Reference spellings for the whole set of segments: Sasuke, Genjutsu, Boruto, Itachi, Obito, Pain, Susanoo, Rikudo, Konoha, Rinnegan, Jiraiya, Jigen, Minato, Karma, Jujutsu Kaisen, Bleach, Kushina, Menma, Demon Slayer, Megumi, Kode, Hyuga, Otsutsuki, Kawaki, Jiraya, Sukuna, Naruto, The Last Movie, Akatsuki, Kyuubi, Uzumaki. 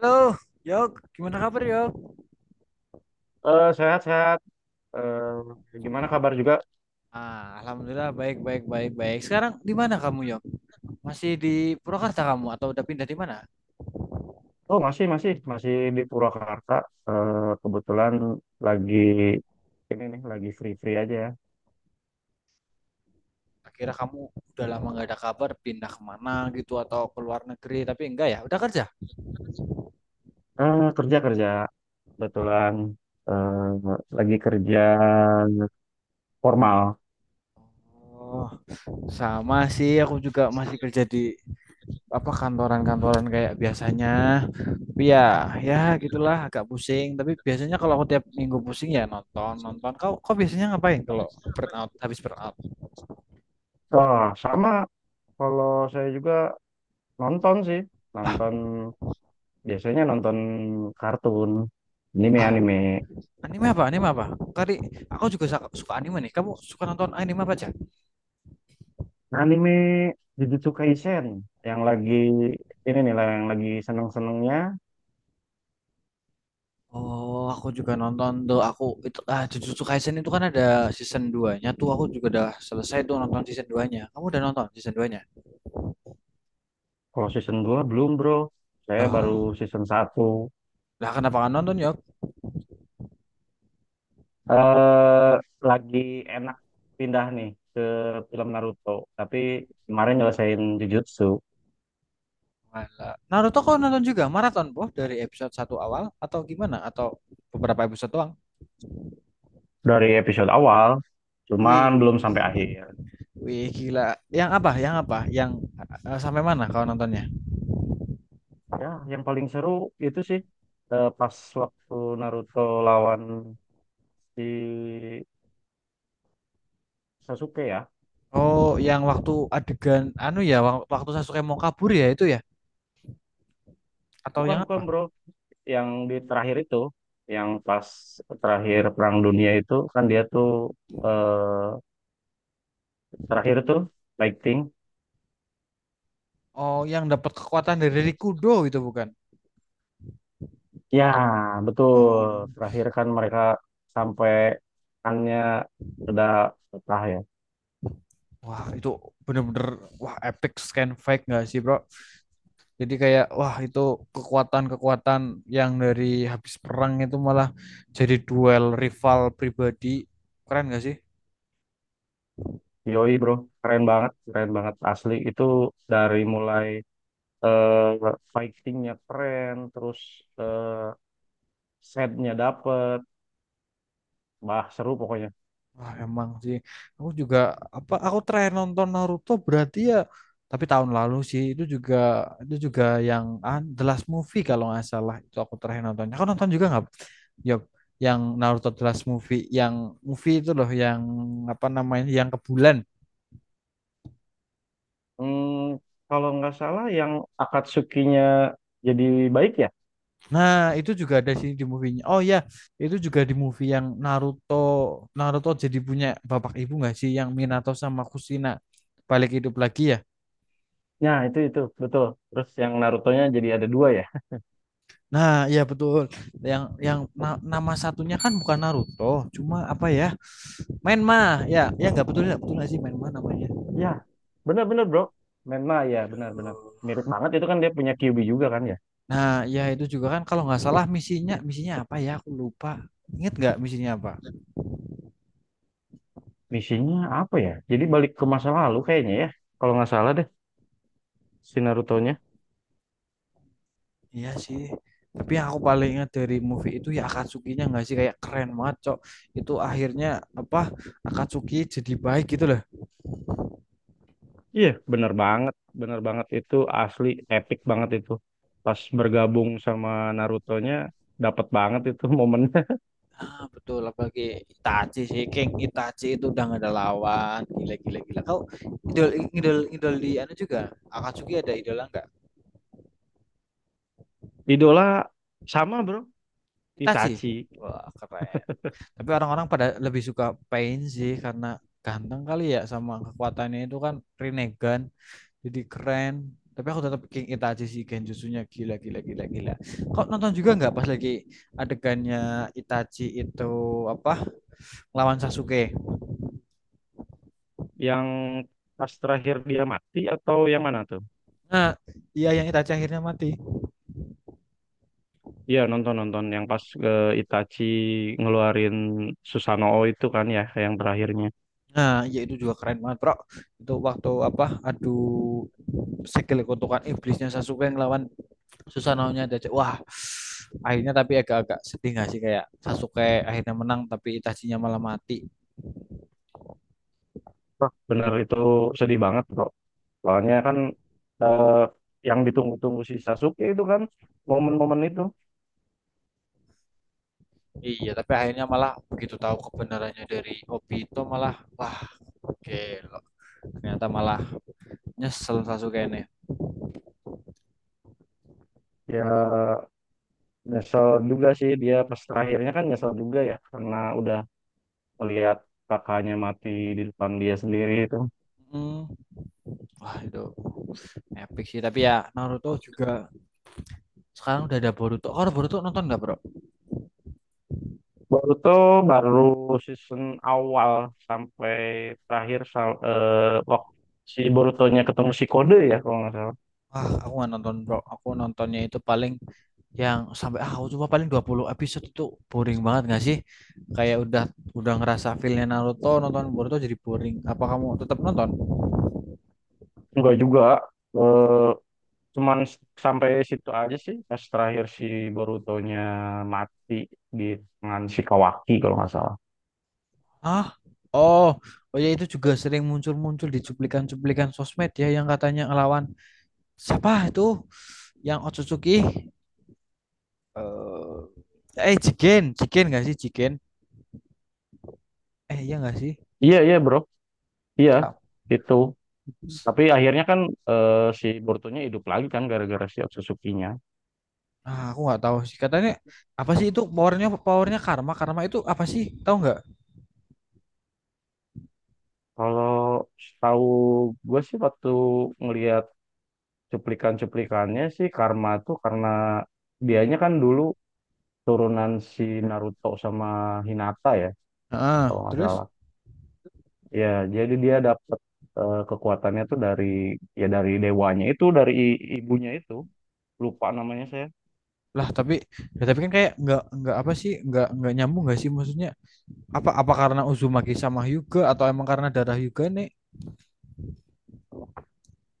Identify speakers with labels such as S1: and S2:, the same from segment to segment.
S1: Halo, Yok. Gimana kabar, Yok?
S2: Sehat-sehat. Gimana kabar juga?
S1: Alhamdulillah baik, baik. Sekarang di mana kamu, Yok? Masih di Purwakarta kamu atau udah pindah di mana?
S2: Oh, masih di Purwakarta. Eh, kebetulan lagi ini nih, lagi free-free aja ya.
S1: Akhirnya kamu udah lama nggak ada kabar, pindah kemana gitu atau ke luar negeri? Tapi enggak ya, udah kerja.
S2: Kerja kerja, kebetulan eh, lagi kerja formal.
S1: Oh, sama sih. Aku juga masih kerja di apa kantoran-kantoran kayak biasanya. Tapi ya, ya gitulah, agak pusing. Tapi biasanya kalau aku tiap minggu pusing ya nonton, nonton. Kau biasanya ngapain kalau habis burnout?
S2: Wah, sama. Kalau saya juga nonton sih,
S1: Ah,
S2: nonton biasanya nonton kartun, anime
S1: ah,
S2: anime.
S1: Anime apa? Anime apa? Kali aku juga suka anime nih. Kamu suka nonton anime apa aja?
S2: Anime Jujutsu Kaisen yang lagi ini nih lah yang lagi seneng-senengnya.
S1: Oh, aku juga nonton tuh. Aku itu Jujutsu Kaisen itu kan ada season dua nya tuh. Aku juga udah selesai tuh nonton season 2-nya. Kamu udah nonton season 2-nya?
S2: Kalau season 2 belum bro, saya baru
S1: Lah,
S2: season 1.
S1: lah kenapa kan nonton ya?
S2: Eh lagi enak pindah nih ke film Naruto, tapi kemarin nyelesain Jujutsu
S1: Malah. Naruto kau nonton juga maraton, Boh, dari episode satu awal atau gimana? Atau beberapa episode doang?
S2: dari episode awal, cuman belum
S1: Wih,
S2: sampai akhir.
S1: wih gila. Yang apa? Yang apa? Sampai mana kau nontonnya?
S2: Ya, yang paling seru itu sih pas waktu Naruto lawan si Sasuke ya.
S1: Oh, yang waktu adegan anu ya, waktu Sasuke mau kabur ya itu ya, atau
S2: Bukan
S1: yang
S2: bukan
S1: apa?
S2: bro, yang di terakhir itu, yang pas terakhir Perang Dunia itu kan dia tuh eh, terakhir tuh lighting.
S1: Oh, yang dapat kekuatan dari Rikudo itu bukan?
S2: Ya, betul.
S1: Oh,
S2: Terakhir kan mereka sampai kannya udah pecah ya.
S1: wah itu bener-bener wah epic scan fake nggak sih bro? Jadi kayak wah itu kekuatan-kekuatan yang dari habis perang itu malah jadi duel rival pribadi, keren nggak sih?
S2: Yoi bro, keren banget asli. Itu dari mulai fightingnya keren, terus eh, setnya dapet, bah seru pokoknya.
S1: Wah emang sih. Aku juga apa? Aku terakhir nonton Naruto berarti ya tapi tahun lalu sih, itu juga itu juga yang The Last Movie kalau nggak salah itu aku terakhir nonton. Aku nonton juga nggak? Yok, yang Naruto The Last Movie, yang movie itu loh yang apa namanya yang ke bulan.
S2: Hmm, kalau nggak salah yang Akatsuki-nya jadi baik ya?
S1: Nah, itu juga ada sini di movie-nya. Oh ya, itu juga di movie yang Naruto Naruto jadi punya bapak ibu nggak sih, yang Minato sama Kushina balik hidup lagi ya.
S2: Ya, itu betul. Terus yang Naruto-nya jadi ada dua ya.
S1: Nah, ya betul. Yang nama satunya kan bukan Naruto, cuma apa ya? Menma. Ya, ya nggak betul nggak sih Menma namanya.
S2: Ya, benar-benar bro. Menma ya, benar-benar. Mirip banget itu kan dia punya Kyuubi juga kan ya.
S1: Nah, ya itu juga kan kalau nggak salah misinya misinya apa ya? Aku lupa. Ingat nggak misinya apa?
S2: Misinya apa ya? Jadi balik ke masa lalu kayaknya ya. Kalau nggak salah deh si Naruto-nya.
S1: Iya sih. Tapi yang aku paling ingat dari movie itu ya Akatsuki-nya nggak sih, kayak keren banget, Cok. Itu akhirnya apa, Akatsuki jadi baik gitu loh.
S2: Iya, benar banget. Benar banget itu asli epic banget itu. Pas bergabung sama Naruto-nya dapat banget itu momennya.
S1: Ah, betul, apalagi Itachi sih, King Itachi itu udah nggak ada lawan. Gila gila gila. Kau idol idol idol di anu juga. Akatsuki ada idola nggak?
S2: Idola sama bro,
S1: Itachi.
S2: Itachi
S1: Wah, keren. Tapi orang-orang pada lebih suka Pain sih karena ganteng kali ya sama kekuatannya itu kan Rinnegan, jadi keren. Tapi aku tetap King Itachi sih, Genjutsunya gila gila gila gila. Kau nonton juga nggak pas lagi adegannya Itachi itu apa lawan Sasuke?
S2: yang pas terakhir dia mati atau yang mana tuh?
S1: Nah iya, yang Itachi akhirnya mati.
S2: Iya nonton nonton yang pas Itachi ngeluarin Susanoo itu kan ya yang terakhirnya.
S1: Nah ya itu juga keren banget bro. Itu waktu apa, adu segel kutukan iblisnya Sasuke ngelawan Susanoo-nya Itachi, wah. Akhirnya tapi agak-agak sedih nggak sih, kayak Sasuke akhirnya menang tapi Itachinya malah mati.
S2: Wah, bener itu sedih banget bro. Soalnya kan eh, yang ditunggu-tunggu si Sasuke itu kan momen-momen itu
S1: Iya, tapi akhirnya malah begitu tahu kebenarannya dari Obito, malah wah gila. Ternyata malah nyesel Sasuke ini.
S2: ya nyesel juga sih dia pas terakhirnya kan nyesel juga ya karena udah melihat kakaknya mati di depan dia sendiri itu.
S1: Hmm. Wah itu epic sih. Tapi ya Naruto juga sekarang udah ada Boruto. Oh Boruto, nonton nggak bro?
S2: Baru tuh baru season awal sampai terakhir waktu si Borutonya ketemu si Kode ya kalau nggak salah.
S1: Wah aku nggak nonton bro. Aku nontonnya itu paling yang sampai aku cuma paling 20 episode, itu boring banget nggak sih? Kayak udah ngerasa feelnya Naruto, nonton Boruto jadi boring. Apa kamu tetap nonton?
S2: Enggak juga. Eh, cuman sampai situ aja sih pas terakhir si Borutonya mati di tangan si Kawaki kalau nggak salah.
S1: Ah, Oh, oh ya itu juga sering muncul-muncul di cuplikan-cuplikan sosmed ya, yang katanya ngelawan siapa itu yang Otsutsuki, Jigen, nggak sih Jigen, eh iya nggak sih.
S2: Iya iya bro. Iya itu. Tapi akhirnya kan si Borutonya hidup lagi kan gara-gara si Otsutsuki-nya.
S1: Ah aku nggak tahu sih katanya apa sih itu powernya, karma, itu apa sih, tahu nggak?
S2: Kalau tahu gue sih waktu ngelihat cuplikan-cuplikannya sih Karma tuh karena dianya kan dulu turunan si Naruto sama Hinata ya kalau
S1: Ah
S2: nggak
S1: terus,
S2: salah ya jadi dia dapet kekuatannya tuh dari ya dari dewanya itu dari ibunya itu lupa namanya saya
S1: lah tapi ya tapi kan kayak nggak, apa sih, nggak nyambung nggak sih, maksudnya apa, karena Uzumaki sama Hyuga atau emang karena darah Hyuga nih?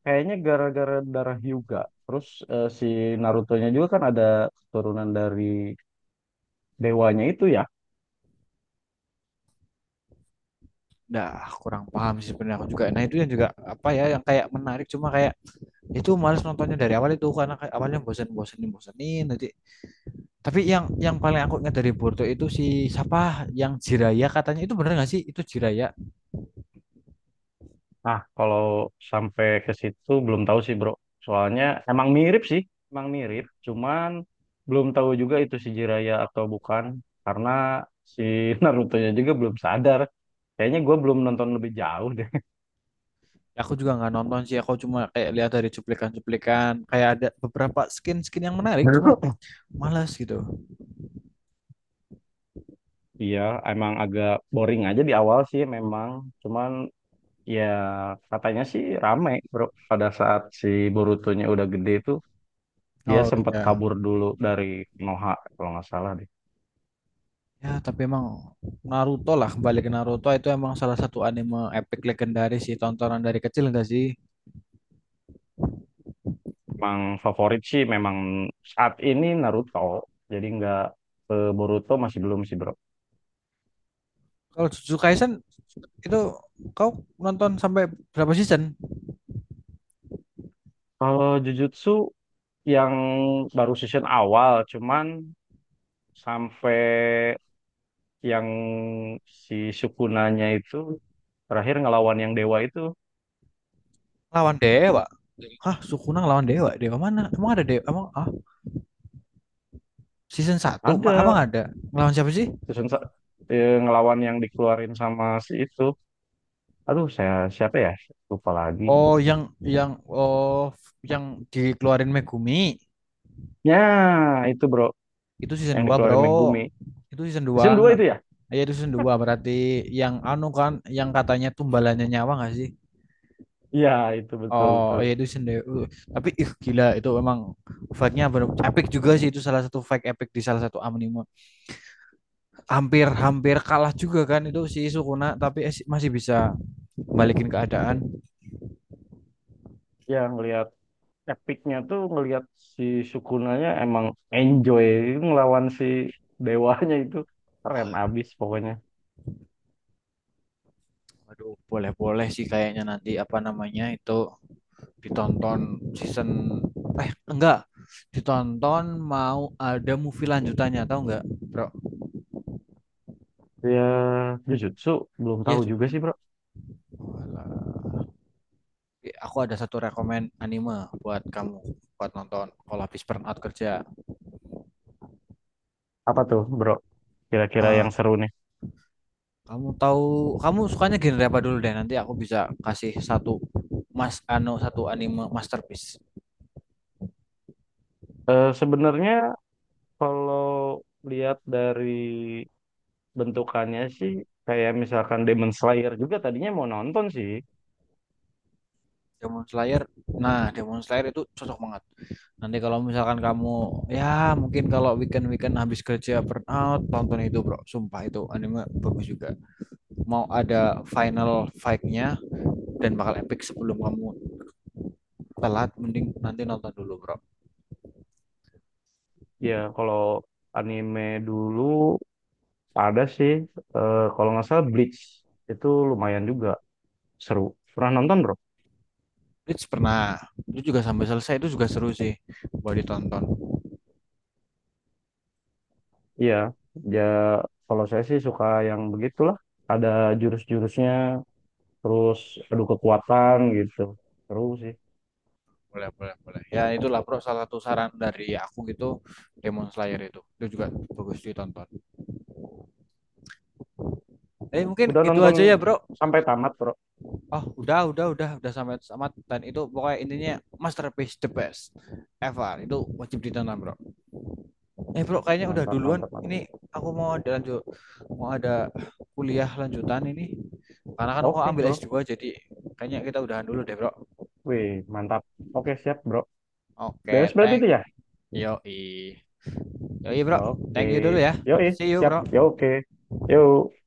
S2: kayaknya gara-gara darah Hyuga terus si Narutonya juga kan ada keturunan dari dewanya itu ya.
S1: Dah, kurang paham sih sebenarnya aku juga. Nah itu yang juga apa ya, yang kayak menarik, cuma kayak itu males nontonnya dari awal itu karena kayak awalnya bosen, bosenin bosenin nanti. Tapi yang paling aku ingat dari Boruto itu si siapa yang Jiraya, katanya itu bener nggak sih itu Jiraya?
S2: Nah, kalau sampai ke situ belum tahu sih, Bro. Soalnya emang mirip sih, emang mirip, cuman belum tahu juga itu si Jiraiya atau bukan karena si Naruto-nya juga belum sadar. Kayaknya gue belum nonton lebih jauh deh.
S1: Aku juga nggak nonton sih, aku cuma kayak lihat dari cuplikan-cuplikan, kayak ada beberapa skin-skin yang menarik, cuma malas gitu.
S2: Iya, emang agak boring aja di awal sih memang. Cuman ya katanya sih rame, Bro. Pada saat si Boruto-nya udah gede tuh, dia
S1: Oh
S2: sempat
S1: iya.
S2: kabur dulu dari Konoha kalau nggak salah deh.
S1: Ya, tapi emang Naruto lah, kembali ke Naruto itu emang salah satu anime epic legendaris sih, tontonan dari kecil enggak sih?
S2: Emang favorit sih memang saat ini Naruto. Jadi nggak ke Boruto masih belum sih bro.
S1: Kalau Jujutsu Kaisen itu kau nonton sampai berapa season?
S2: Kalau Jujutsu yang baru season awal cuman sampai yang si Sukunanya itu terakhir ngelawan yang dewa itu
S1: Lawan dewa. Hah, Sukuna lawan dewa? Dewa mana? Emang ada dewa? Season satu apa
S2: ada
S1: nggak ada? Ngelawan siapa sih?
S2: season sa- ngelawan yang dikeluarin sama si itu. Aduh saya siapa ya? Lupa lagi.
S1: Oh, yang oh, yang dikeluarin Megumi,
S2: Ya itu bro
S1: itu season
S2: yang
S1: 2 Bro.
S2: dikeluarin Megumi.
S1: Itu season 2.
S2: Season 2 itu ya?
S1: Ya itu season dua berarti, yang anu kan yang katanya tumbalannya nyawa nggak sih?
S2: Iya itu betul
S1: Oh,
S2: betul.
S1: ya itu season 2. Tapi ih gila itu emang fight-nya bener- epic juga sih, itu salah satu fight epic di salah satu anime. Hampir-hampir kalah juga kan itu si Sukuna tapi si, masih bisa balikin keadaan.
S2: Ya ngelihat epicnya tuh ngelihat si Sukunanya emang enjoy ngelawan si dewanya itu keren abis pokoknya.
S1: Waduh, boleh-boleh sih kayaknya, nanti apa namanya itu ditonton season, enggak, ditonton, mau ada movie lanjutannya, tahu enggak bro?
S2: Ya Jujutsu belum
S1: Iya
S2: tahu juga
S1: jujur.
S2: sih bro.
S1: Eh, aku ada satu rekomen anime buat kamu, buat nonton kalau habis burnout kerja.
S2: Apa tuh bro? Kira-kira
S1: Eh,
S2: yang seru nih.
S1: kamu tahu, kamu sukanya genre apa dulu deh, nanti aku bisa kasih satu mas ano satu anime masterpiece.
S2: Sebenarnya kalau lihat dari bentukannya sih kayak misalkan Demon Slayer juga tadinya mau nonton sih.
S1: Demon Slayer. Nah, Demon Slayer itu cocok banget. Nanti kalau misalkan kamu ya mungkin kalau weekend-weekend habis kerja burn out, tonton itu, Bro. Sumpah itu anime bagus juga. Mau ada final fight-nya dan bakal epic, sebelum kamu telat mending nanti nonton dulu, Bro.
S2: Ya kalau anime dulu ada sih. Kalau nggak salah Bleach itu lumayan juga seru. Pernah nonton bro?
S1: Bleach pernah. Itu juga sampai selesai itu juga seru sih. Boleh ditonton.
S2: Iya, ya kalau saya sih suka yang begitulah. Ada jurus-jurusnya, terus adu kekuatan gitu. Terus sih.
S1: Boleh, boleh, boleh. Ya itulah, Bro, salah satu saran dari aku gitu, Demon Slayer itu. Itu juga bagus ditonton. Eh, mungkin
S2: Udah
S1: gitu
S2: nonton
S1: aja ya, Bro.
S2: sampai tamat, Bro.
S1: Oh, udah sampai tamat, dan itu pokoknya intinya masterpiece the best ever. Itu wajib ditonton, Bro. Eh, Bro, kayaknya udah
S2: Mantap,
S1: duluan.
S2: mantap,
S1: Ini
S2: mantap.
S1: aku mau ada lanjut, mau ada kuliah lanjutan ini. Karena kan aku
S2: Oke,
S1: ambil
S2: Bro.
S1: S2, jadi kayaknya kita udahan dulu deh, Bro.
S2: Wih, mantap. Oke, siap, Bro.
S1: Oke,
S2: Beres berarti
S1: thank,
S2: itu ya?
S1: yoi. Yoi, Bro.
S2: Oke.
S1: Thank you dulu ya.
S2: Yoi,
S1: See you,
S2: siap. Yo
S1: Bro.
S2: oke. Yuk.